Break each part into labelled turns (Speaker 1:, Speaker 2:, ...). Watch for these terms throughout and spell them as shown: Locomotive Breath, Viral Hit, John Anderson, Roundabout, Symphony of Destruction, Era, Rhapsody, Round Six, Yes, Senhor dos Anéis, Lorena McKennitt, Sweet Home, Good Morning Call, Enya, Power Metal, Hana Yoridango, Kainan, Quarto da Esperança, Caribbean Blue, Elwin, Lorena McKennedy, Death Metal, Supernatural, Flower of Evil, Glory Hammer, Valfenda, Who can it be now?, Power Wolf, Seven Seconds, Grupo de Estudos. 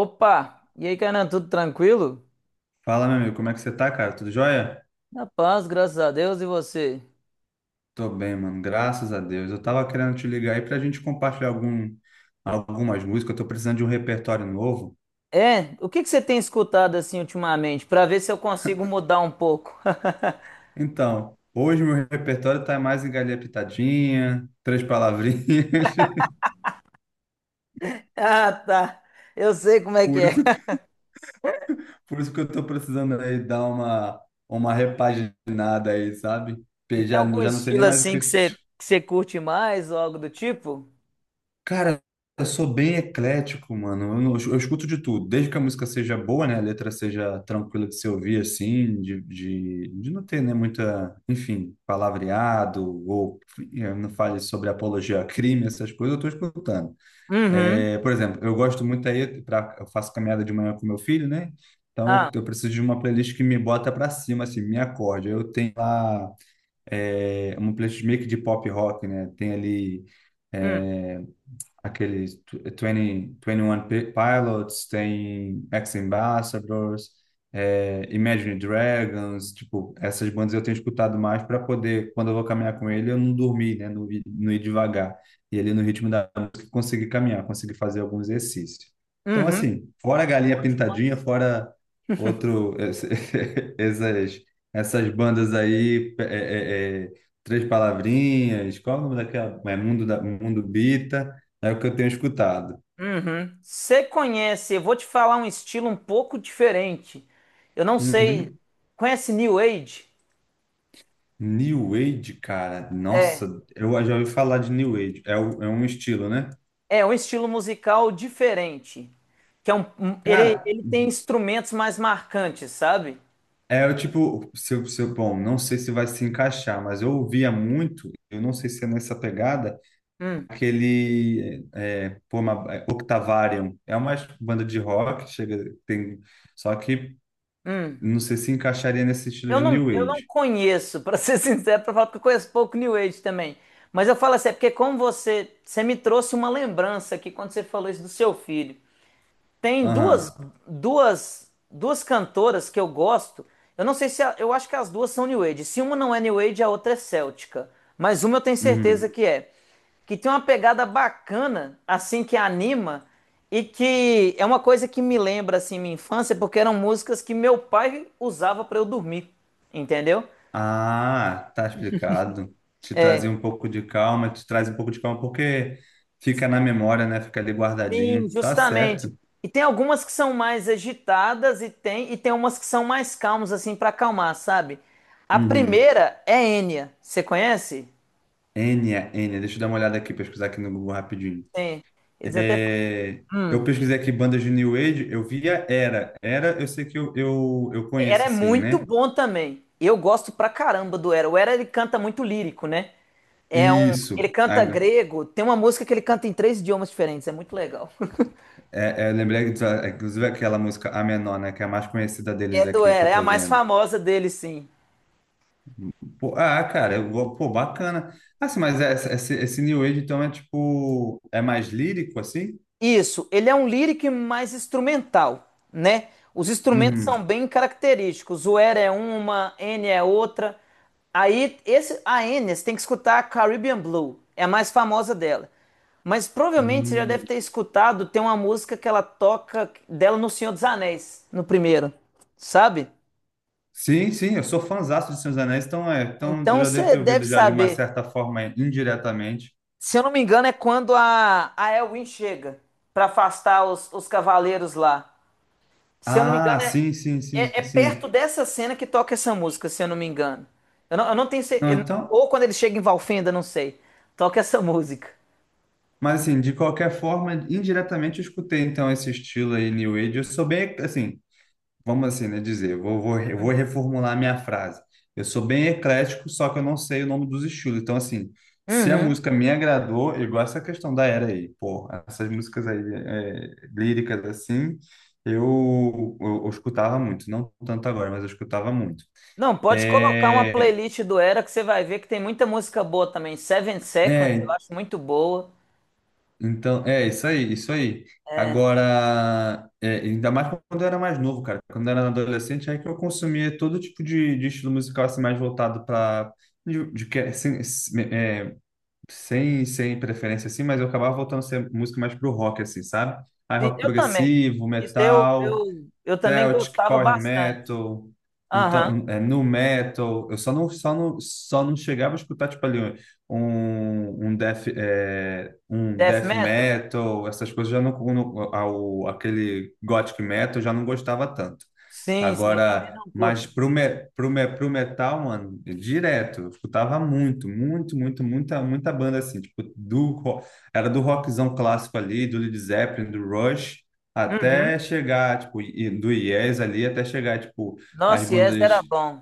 Speaker 1: Opa! E aí, Kainan, tudo tranquilo?
Speaker 2: Fala, meu amigo, como é que você tá, cara? Tudo jóia?
Speaker 1: Na paz, graças a Deus, e você?
Speaker 2: Tô bem, mano, graças a Deus. Eu tava querendo te ligar aí pra gente compartilhar algumas músicas. Eu tô precisando de um repertório novo.
Speaker 1: O que que você tem escutado assim ultimamente, pra ver se eu consigo mudar um pouco?
Speaker 2: Então, hoje meu repertório tá mais em galinha pitadinha, três palavrinhas.
Speaker 1: Ah, tá. Eu sei como é que
Speaker 2: Por
Speaker 1: é.
Speaker 2: isso, que- por isso que eu tô precisando aí dar uma repaginada aí, sabe?
Speaker 1: E tem
Speaker 2: Já,
Speaker 1: algum
Speaker 2: já não sei nem
Speaker 1: estilo
Speaker 2: mais o
Speaker 1: assim que
Speaker 2: que.
Speaker 1: você curte mais ou algo do tipo?
Speaker 2: Cara, eu sou bem eclético, mano. Eu, não- Eu escuto de tudo, desde que a música seja boa, né? A letra seja tranquila de se ouvir, assim, de não ter, né, muita, enfim, palavreado, ou não fale sobre apologia a crime, essas coisas, eu tô escutando.
Speaker 1: Uhum.
Speaker 2: É, por exemplo, eu gosto muito aí, eu faço caminhada de manhã com meu filho, né? Então,
Speaker 1: Ah,
Speaker 2: eu preciso de uma playlist que me bota pra cima, assim, me acorde. Eu tenho lá, uma playlist meio que de pop rock, né? Tem ali.
Speaker 1: hum,
Speaker 2: é, Aqueles 20, 21 Pilots, tem Ex-Ambassadors, Imagine Dragons, tipo, essas bandas eu tenho escutado mais para poder, quando eu vou caminhar com ele, eu não dormir, né, não ir devagar. E ele no ritmo da música conseguir caminhar, conseguir fazer alguns exercícios. Então,
Speaker 1: uhum.
Speaker 2: assim, fora a galinha
Speaker 1: Bom
Speaker 2: pintadinha,
Speaker 1: demais.
Speaker 2: fora outro, essas, essas bandas aí, Três Palavrinhas, qual é o nome daquela? É Mundo, Mundo Bita. É o que eu tenho escutado.
Speaker 1: Uhum. Você conhece, eu vou te falar um estilo um pouco diferente. Eu não sei.
Speaker 2: Uhum.
Speaker 1: Conhece New Age?
Speaker 2: New Age, cara, nossa, eu já ouvi falar de New Age. É, é um estilo, né?
Speaker 1: É um estilo musical diferente, que é um, um- ele,
Speaker 2: Cara,
Speaker 1: ele tem instrumentos mais marcantes, sabe?
Speaker 2: é o tipo, se, eu- se, eu- bom, não sei se vai se encaixar, mas eu ouvia muito, eu não sei se é nessa pegada,
Speaker 1: Hum,
Speaker 2: aquele é, pô, é, Octavarium. É uma banda de rock, chega, tem, só que
Speaker 1: hum.
Speaker 2: não sei se encaixaria nesse estilo
Speaker 1: Eu
Speaker 2: de
Speaker 1: não,
Speaker 2: New
Speaker 1: eu não
Speaker 2: Age.
Speaker 1: conheço, pra ser sincero, pra falar porque eu conheço pouco New Age também. Mas eu falo assim, é porque como você me trouxe uma lembrança aqui quando você falou isso do seu filho. Tem duas,
Speaker 2: Aham.
Speaker 1: duas, duas cantoras que eu gosto. Eu não sei se eu acho que as duas são New Age. Se uma não é New Age, a outra é céltica. Mas uma eu tenho certeza
Speaker 2: Uhum.
Speaker 1: que é. Que tem uma pegada bacana, assim, que anima, e que é uma coisa que me lembra, assim, minha infância, porque eram músicas que meu pai usava para eu dormir, entendeu?
Speaker 2: Ah, tá explicado. Te
Speaker 1: É,
Speaker 2: trazia um pouco de calma, te traz um pouco de calma porque fica na memória, né? Fica ali
Speaker 1: sim,
Speaker 2: guardadinho. Tá
Speaker 1: justamente.
Speaker 2: certo.
Speaker 1: E tem algumas que são mais agitadas e tem umas que são mais calmas assim para acalmar, sabe? A
Speaker 2: Uhum.
Speaker 1: primeira é Enya. Você conhece?
Speaker 2: Enya, deixa eu dar uma olhada aqui, pesquisar aqui no Google rapidinho.
Speaker 1: Sim. Eles até
Speaker 2: É,
Speaker 1: falam,
Speaker 2: eu
Speaker 1: hum,
Speaker 2: pesquisei aqui bandas de New Age, eu via Era. Era, eu sei que eu
Speaker 1: Era
Speaker 2: conheço,
Speaker 1: é
Speaker 2: assim,
Speaker 1: muito
Speaker 2: né?
Speaker 1: bom também. Eu gosto pra caramba do Era. O Era ele canta muito lírico, né? É um, ele
Speaker 2: Isso.
Speaker 1: canta grego, tem uma música que ele canta em três idiomas diferentes, é muito legal.
Speaker 2: Eu lembrei, inclusive, aquela música A Menor, né? Que é a mais conhecida deles
Speaker 1: É do
Speaker 2: aqui que
Speaker 1: Era,
Speaker 2: eu
Speaker 1: é a
Speaker 2: tô
Speaker 1: mais
Speaker 2: vendo.
Speaker 1: famosa dele, sim.
Speaker 2: Pô, ah, cara, pô, bacana. Ah, sim, mas esse, esse New Age, então, é tipo, é mais lírico, assim?
Speaker 1: Isso, ele é um lyric mais instrumental, né? Os instrumentos
Speaker 2: Uhum.
Speaker 1: são bem característicos. O Era é uma, N é outra. Aí, esse, a N, você tem que escutar a Caribbean Blue, é a mais famosa dela. Mas provavelmente você já deve
Speaker 2: Hum.
Speaker 1: ter escutado, tem uma música que ela toca dela no Senhor dos Anéis, no primeiro, sabe?
Speaker 2: Sim, sim, eu sou fãzaço de Senhor dos Anéis, então, é, então eu
Speaker 1: Então
Speaker 2: já devo
Speaker 1: você
Speaker 2: ter
Speaker 1: deve
Speaker 2: ouvido já de uma
Speaker 1: saber.
Speaker 2: certa forma, é, indiretamente.
Speaker 1: Se eu não me engano, é quando a Elwin chega para afastar os cavaleiros lá. Se eu não me
Speaker 2: Ah,
Speaker 1: engano, é,
Speaker 2: sim, sim, sim,
Speaker 1: é, é perto
Speaker 2: sim.
Speaker 1: dessa cena que toca essa música, se eu não me engano. Eu não tenho
Speaker 2: Não,
Speaker 1: certeza.
Speaker 2: então,
Speaker 1: Ou quando ele chega em Valfenda, não sei. Toca essa música.
Speaker 2: mas assim, de qualquer forma, indiretamente eu escutei, então, esse estilo aí, New Age. Eu sou bem, assim, vamos assim, né, dizer, eu vou reformular a minha frase. Eu sou bem eclético, só que eu não sei o nome dos estilos. Então, assim, se a
Speaker 1: Uhum.
Speaker 2: música me agradou, igual essa questão da era aí, pô, essas músicas aí é, líricas assim, eu escutava muito, não tanto agora, mas eu escutava muito.
Speaker 1: Não, pode colocar uma
Speaker 2: É,
Speaker 1: playlist do Era que você vai ver que tem muita música boa também. Seven Seconds, eu
Speaker 2: é,
Speaker 1: acho muito boa.
Speaker 2: Então, é isso aí, isso aí.
Speaker 1: É,
Speaker 2: Agora, ainda mais quando eu era mais novo, cara. Quando eu era adolescente, aí que eu consumia todo tipo de estilo musical assim, mais voltado para de que- sem, é, sem, sem preferência assim, mas eu acabava voltando a ser música mais pro rock assim, sabe? Aí
Speaker 1: sim,
Speaker 2: rock
Speaker 1: eu também.
Speaker 2: progressivo,
Speaker 1: Isso eu,
Speaker 2: metal,
Speaker 1: eu, eu também
Speaker 2: Celtic,
Speaker 1: gostava
Speaker 2: Power
Speaker 1: bastante.
Speaker 2: Metal,
Speaker 1: Aham.
Speaker 2: então, Nu Metal. Eu só não chegava a escutar, tipo, ali um
Speaker 1: Death
Speaker 2: death
Speaker 1: Metal?
Speaker 2: metal, essas coisas já não, não ao, aquele gothic metal eu já não gostava tanto.
Speaker 1: Sim, sim, eu também
Speaker 2: Agora,
Speaker 1: não curto
Speaker 2: mas
Speaker 1: muito.
Speaker 2: pro metal, mano, direto, eu escutava muita banda assim, tipo, era do rockzão clássico ali, do Led Zeppelin, do Rush, até
Speaker 1: Uhum.
Speaker 2: chegar, tipo, do Yes ali, até chegar, tipo, as
Speaker 1: Nossa, Yes
Speaker 2: bandas.
Speaker 1: era bom.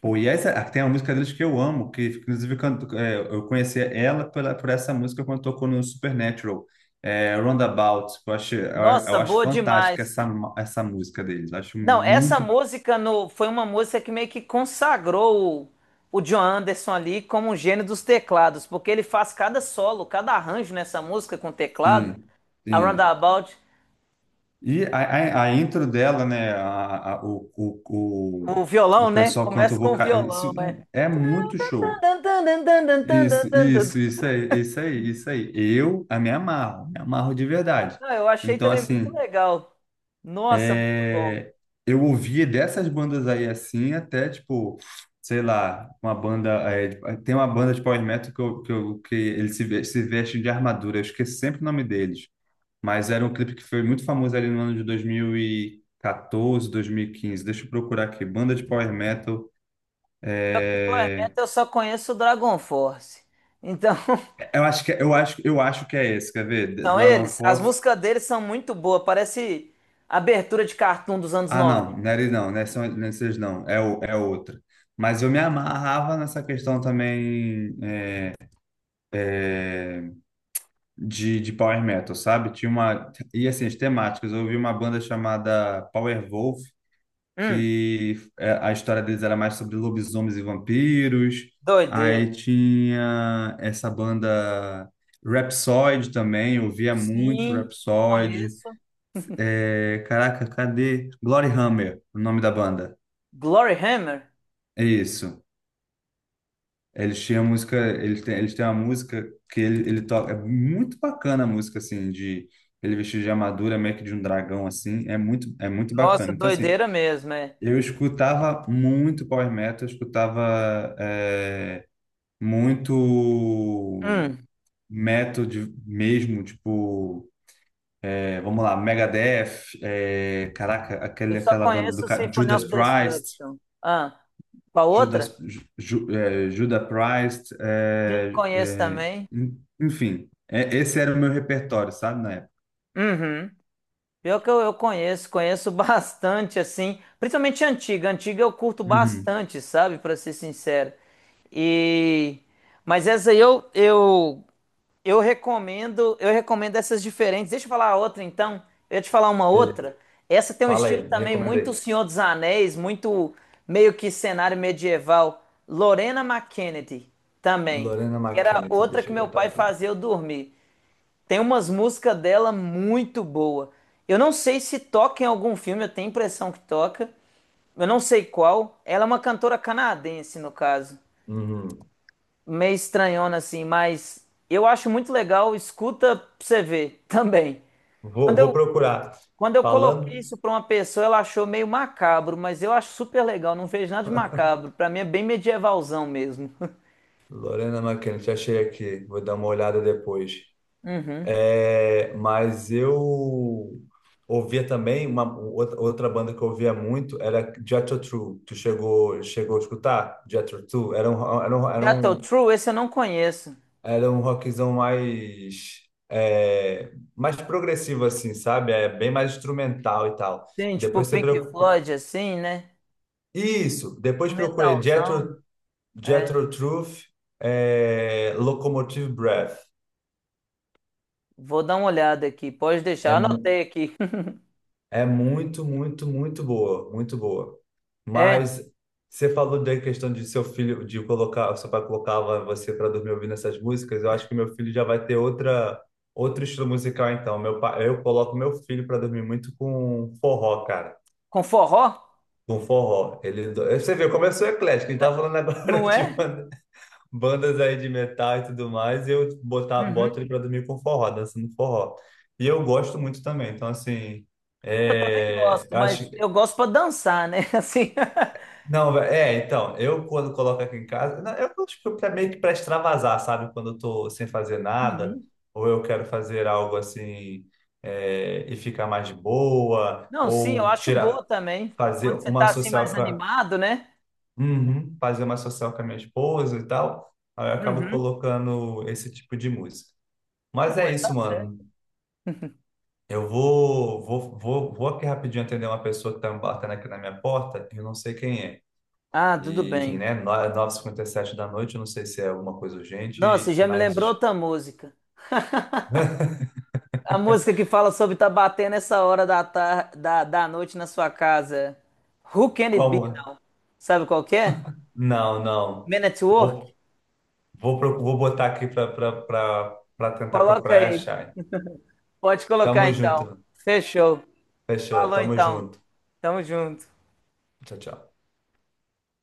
Speaker 2: Pô, Yes, ah, tem uma música deles que eu amo, que inclusive eu conheci ela pela, por essa música quando tocou no Supernatural, Roundabout. Eu acho, eu,
Speaker 1: Nossa,
Speaker 2: eu acho
Speaker 1: boa
Speaker 2: fantástica
Speaker 1: demais.
Speaker 2: essa, essa música deles. Acho
Speaker 1: Não, essa
Speaker 2: muito.
Speaker 1: música no, foi uma música que meio que consagrou o John Anderson ali como um gênio dos teclados, porque ele faz cada solo, cada arranjo nessa música com teclado,
Speaker 2: Sim,
Speaker 1: a
Speaker 2: sim.
Speaker 1: Roundabout,
Speaker 2: E a intro dela, né?
Speaker 1: o
Speaker 2: O
Speaker 1: violão, né?
Speaker 2: pessoal canta
Speaker 1: Começa
Speaker 2: o
Speaker 1: com o
Speaker 2: vocal.
Speaker 1: violão,
Speaker 2: Isso
Speaker 1: né?
Speaker 2: é muito show. Isso aí, isso aí, isso aí. Eu a me amarro de verdade.
Speaker 1: Não, eu achei
Speaker 2: Então,
Speaker 1: também muito
Speaker 2: assim,
Speaker 1: legal. Nossa, muito bom.
Speaker 2: é, eu ouvia dessas bandas aí assim, até tipo, sei lá, uma banda. É, de- tem uma banda de power metal que, que eles se vestem de armadura, eu esqueço sempre o nome deles. Mas era um clipe que foi muito famoso ali no ano de dois mil e quatorze, 2015. Deixa eu procurar aqui. Banda de power metal.
Speaker 1: Pior que Power
Speaker 2: É,
Speaker 1: Metal eu só conheço o Dragon Force. Então,
Speaker 2: eu acho que é esse, quer ver? The
Speaker 1: são
Speaker 2: Dragon
Speaker 1: eles. As
Speaker 2: Force.
Speaker 1: músicas deles são muito boas. Parece abertura de cartoon dos anos
Speaker 2: Ah,
Speaker 1: 90.
Speaker 2: não, não era isso não, não é não é vocês não, é, é outra. Mas eu me amarrava nessa questão também de power metal, sabe? Tinha uma. E assim, as temáticas. Eu ouvi uma banda chamada Power Wolf,
Speaker 1: Hum.
Speaker 2: que é, a história deles era mais sobre lobisomens e vampiros.
Speaker 1: Doideira.
Speaker 2: Aí tinha essa banda Rhapsody também, eu ouvia muito
Speaker 1: Sim,
Speaker 2: Rhapsody.
Speaker 1: conheço.
Speaker 2: É, caraca, cadê? Glory Hammer, o nome da banda.
Speaker 1: Glory Hammer?
Speaker 2: É isso. Eles tinham música, eles têm uma música que ele toca, é muito bacana a música, assim, de ele vestido de armadura, meio que de um dragão, assim, é muito
Speaker 1: Nossa,
Speaker 2: bacana. Então, assim,
Speaker 1: doideira mesmo, é.
Speaker 2: eu escutava muito power metal, eu escutava muito
Speaker 1: Hum,
Speaker 2: metal mesmo, tipo, vamos lá, Megadeth, é, caraca,
Speaker 1: eu
Speaker 2: aquele,
Speaker 1: só
Speaker 2: aquela banda
Speaker 1: conheço Symphony
Speaker 2: Judas
Speaker 1: of
Speaker 2: Priest,
Speaker 1: Destruction. Ah, qual outra?
Speaker 2: Judas, Ju- Judas Priest,
Speaker 1: Sim, conheço também.
Speaker 2: enfim, esse era o meu repertório, sabe, na época.
Speaker 1: Uhum. Pior que eu conheço, conheço bastante, assim, principalmente antiga. Antiga eu curto
Speaker 2: Uhum.
Speaker 1: bastante, sabe, pra ser sincero. E... Mas essa aí eu eu recomendo, eu recomendo essas diferentes. Deixa eu falar a outra então. Eu ia te falar uma
Speaker 2: Beleza.
Speaker 1: outra. Essa tem um
Speaker 2: Fala
Speaker 1: estilo
Speaker 2: aí, me
Speaker 1: também
Speaker 2: recomenda
Speaker 1: muito
Speaker 2: aí.
Speaker 1: Senhor dos Anéis, muito meio que cenário medieval. Lorena McKennedy também,
Speaker 2: Lorena
Speaker 1: que era
Speaker 2: McKennitt,
Speaker 1: outra
Speaker 2: deixa
Speaker 1: que
Speaker 2: eu
Speaker 1: meu
Speaker 2: botar
Speaker 1: pai
Speaker 2: aqui.
Speaker 1: fazia eu dormir. Tem umas músicas dela muito boa. Eu não sei se toca em algum filme, eu tenho a impressão que toca. Eu não sei qual. Ela é uma cantora canadense, no caso
Speaker 2: Uhum.
Speaker 1: meio estranhona assim, mas eu acho muito legal, escuta pra você ver também.
Speaker 2: Vou,
Speaker 1: Quando
Speaker 2: vou
Speaker 1: eu,
Speaker 2: procurar.
Speaker 1: quando eu coloquei
Speaker 2: Falando.
Speaker 1: isso pra uma pessoa, ela achou meio macabro, mas eu acho super legal, não vejo nada de macabro. Pra mim é bem medievalzão mesmo.
Speaker 2: Lorena McKennitt, achei aqui. Vou dar uma olhada depois.
Speaker 1: Uhum.
Speaker 2: É, mas eu ouvia também uma outra banda que eu ouvia muito era Jethro Tull. Tu chegou a escutar Jethro Tull? Era um era um, era
Speaker 1: Jethro
Speaker 2: um,
Speaker 1: Tull, esse eu não conheço.
Speaker 2: era um rockzão mais mais progressivo assim, sabe? É bem mais instrumental e tal.
Speaker 1: Sim, tipo
Speaker 2: Depois você
Speaker 1: Pink
Speaker 2: procura.
Speaker 1: Floyd assim, né?
Speaker 2: Isso,
Speaker 1: No
Speaker 2: depois procurei
Speaker 1: metalzão.
Speaker 2: Jethro
Speaker 1: É,
Speaker 2: Jethro Tull Locomotive Breath.
Speaker 1: vou dar uma olhada aqui, pode
Speaker 2: É,
Speaker 1: deixar,
Speaker 2: mu-
Speaker 1: anotei aqui.
Speaker 2: É muito, muito, muito boa, muito boa.
Speaker 1: É,
Speaker 2: Mas você falou da questão de seu filho, de colocar, seu pai colocava você para dormir ouvindo essas músicas. Eu acho que meu filho já vai ter outra, outro estilo musical então. Meu pai, eu coloco meu filho para dormir muito com forró, cara.
Speaker 1: com forró?
Speaker 2: Com forró. Ele, você vê, começou eclético. Ele tava falando agora
Speaker 1: Não
Speaker 2: de
Speaker 1: é?
Speaker 2: bandas aí de metal e tudo mais. E eu boto
Speaker 1: Uhum.
Speaker 2: ele para dormir com forró, dançando forró. E eu gosto muito também. Então, assim.
Speaker 1: Eu também
Speaker 2: É,
Speaker 1: gosto,
Speaker 2: eu acho,
Speaker 1: mas eu gosto pra dançar, né? Assim.
Speaker 2: Não, então, eu quando coloco aqui em casa, não, eu acho que é pra, meio que para extravasar, sabe? Quando eu tô sem fazer nada,
Speaker 1: Uhum.
Speaker 2: ou eu quero fazer algo assim e ficar mais de boa,
Speaker 1: Não, sim, eu
Speaker 2: ou
Speaker 1: acho
Speaker 2: tirar,
Speaker 1: boa também.
Speaker 2: fazer
Speaker 1: Quando você
Speaker 2: uma
Speaker 1: tá assim mais
Speaker 2: social
Speaker 1: animado, né?
Speaker 2: Uhum, fazer uma social com a minha esposa e tal, aí eu acabo
Speaker 1: Uhum.
Speaker 2: colocando esse tipo de música.
Speaker 1: Não,
Speaker 2: Mas é
Speaker 1: mas
Speaker 2: isso,
Speaker 1: tá
Speaker 2: mano.
Speaker 1: certo.
Speaker 2: Eu vou aqui rapidinho atender uma pessoa que tá me batendo aqui na minha porta, eu não sei quem é.
Speaker 1: Ah, tudo
Speaker 2: E, enfim,
Speaker 1: bem.
Speaker 2: né? 9:57 da noite, eu não sei se é alguma coisa
Speaker 1: Nossa,
Speaker 2: urgente,
Speaker 1: já me lembrou
Speaker 2: mas
Speaker 1: outra música. A música que fala sobre tá batendo essa hora da noite na sua casa. Who can it be
Speaker 2: como?
Speaker 1: now? Sabe qual que é?
Speaker 2: Não, não.
Speaker 1: Men at Work?
Speaker 2: Vou, Vou botar aqui para tentar
Speaker 1: Coloca
Speaker 2: procurar e
Speaker 1: aí.
Speaker 2: achar.
Speaker 1: Pode colocar
Speaker 2: Tamo
Speaker 1: então.
Speaker 2: junto.
Speaker 1: Fechou.
Speaker 2: Fechou.
Speaker 1: Falou
Speaker 2: Tamo
Speaker 1: então.
Speaker 2: junto.
Speaker 1: Tamo junto.
Speaker 2: Tchau, tchau.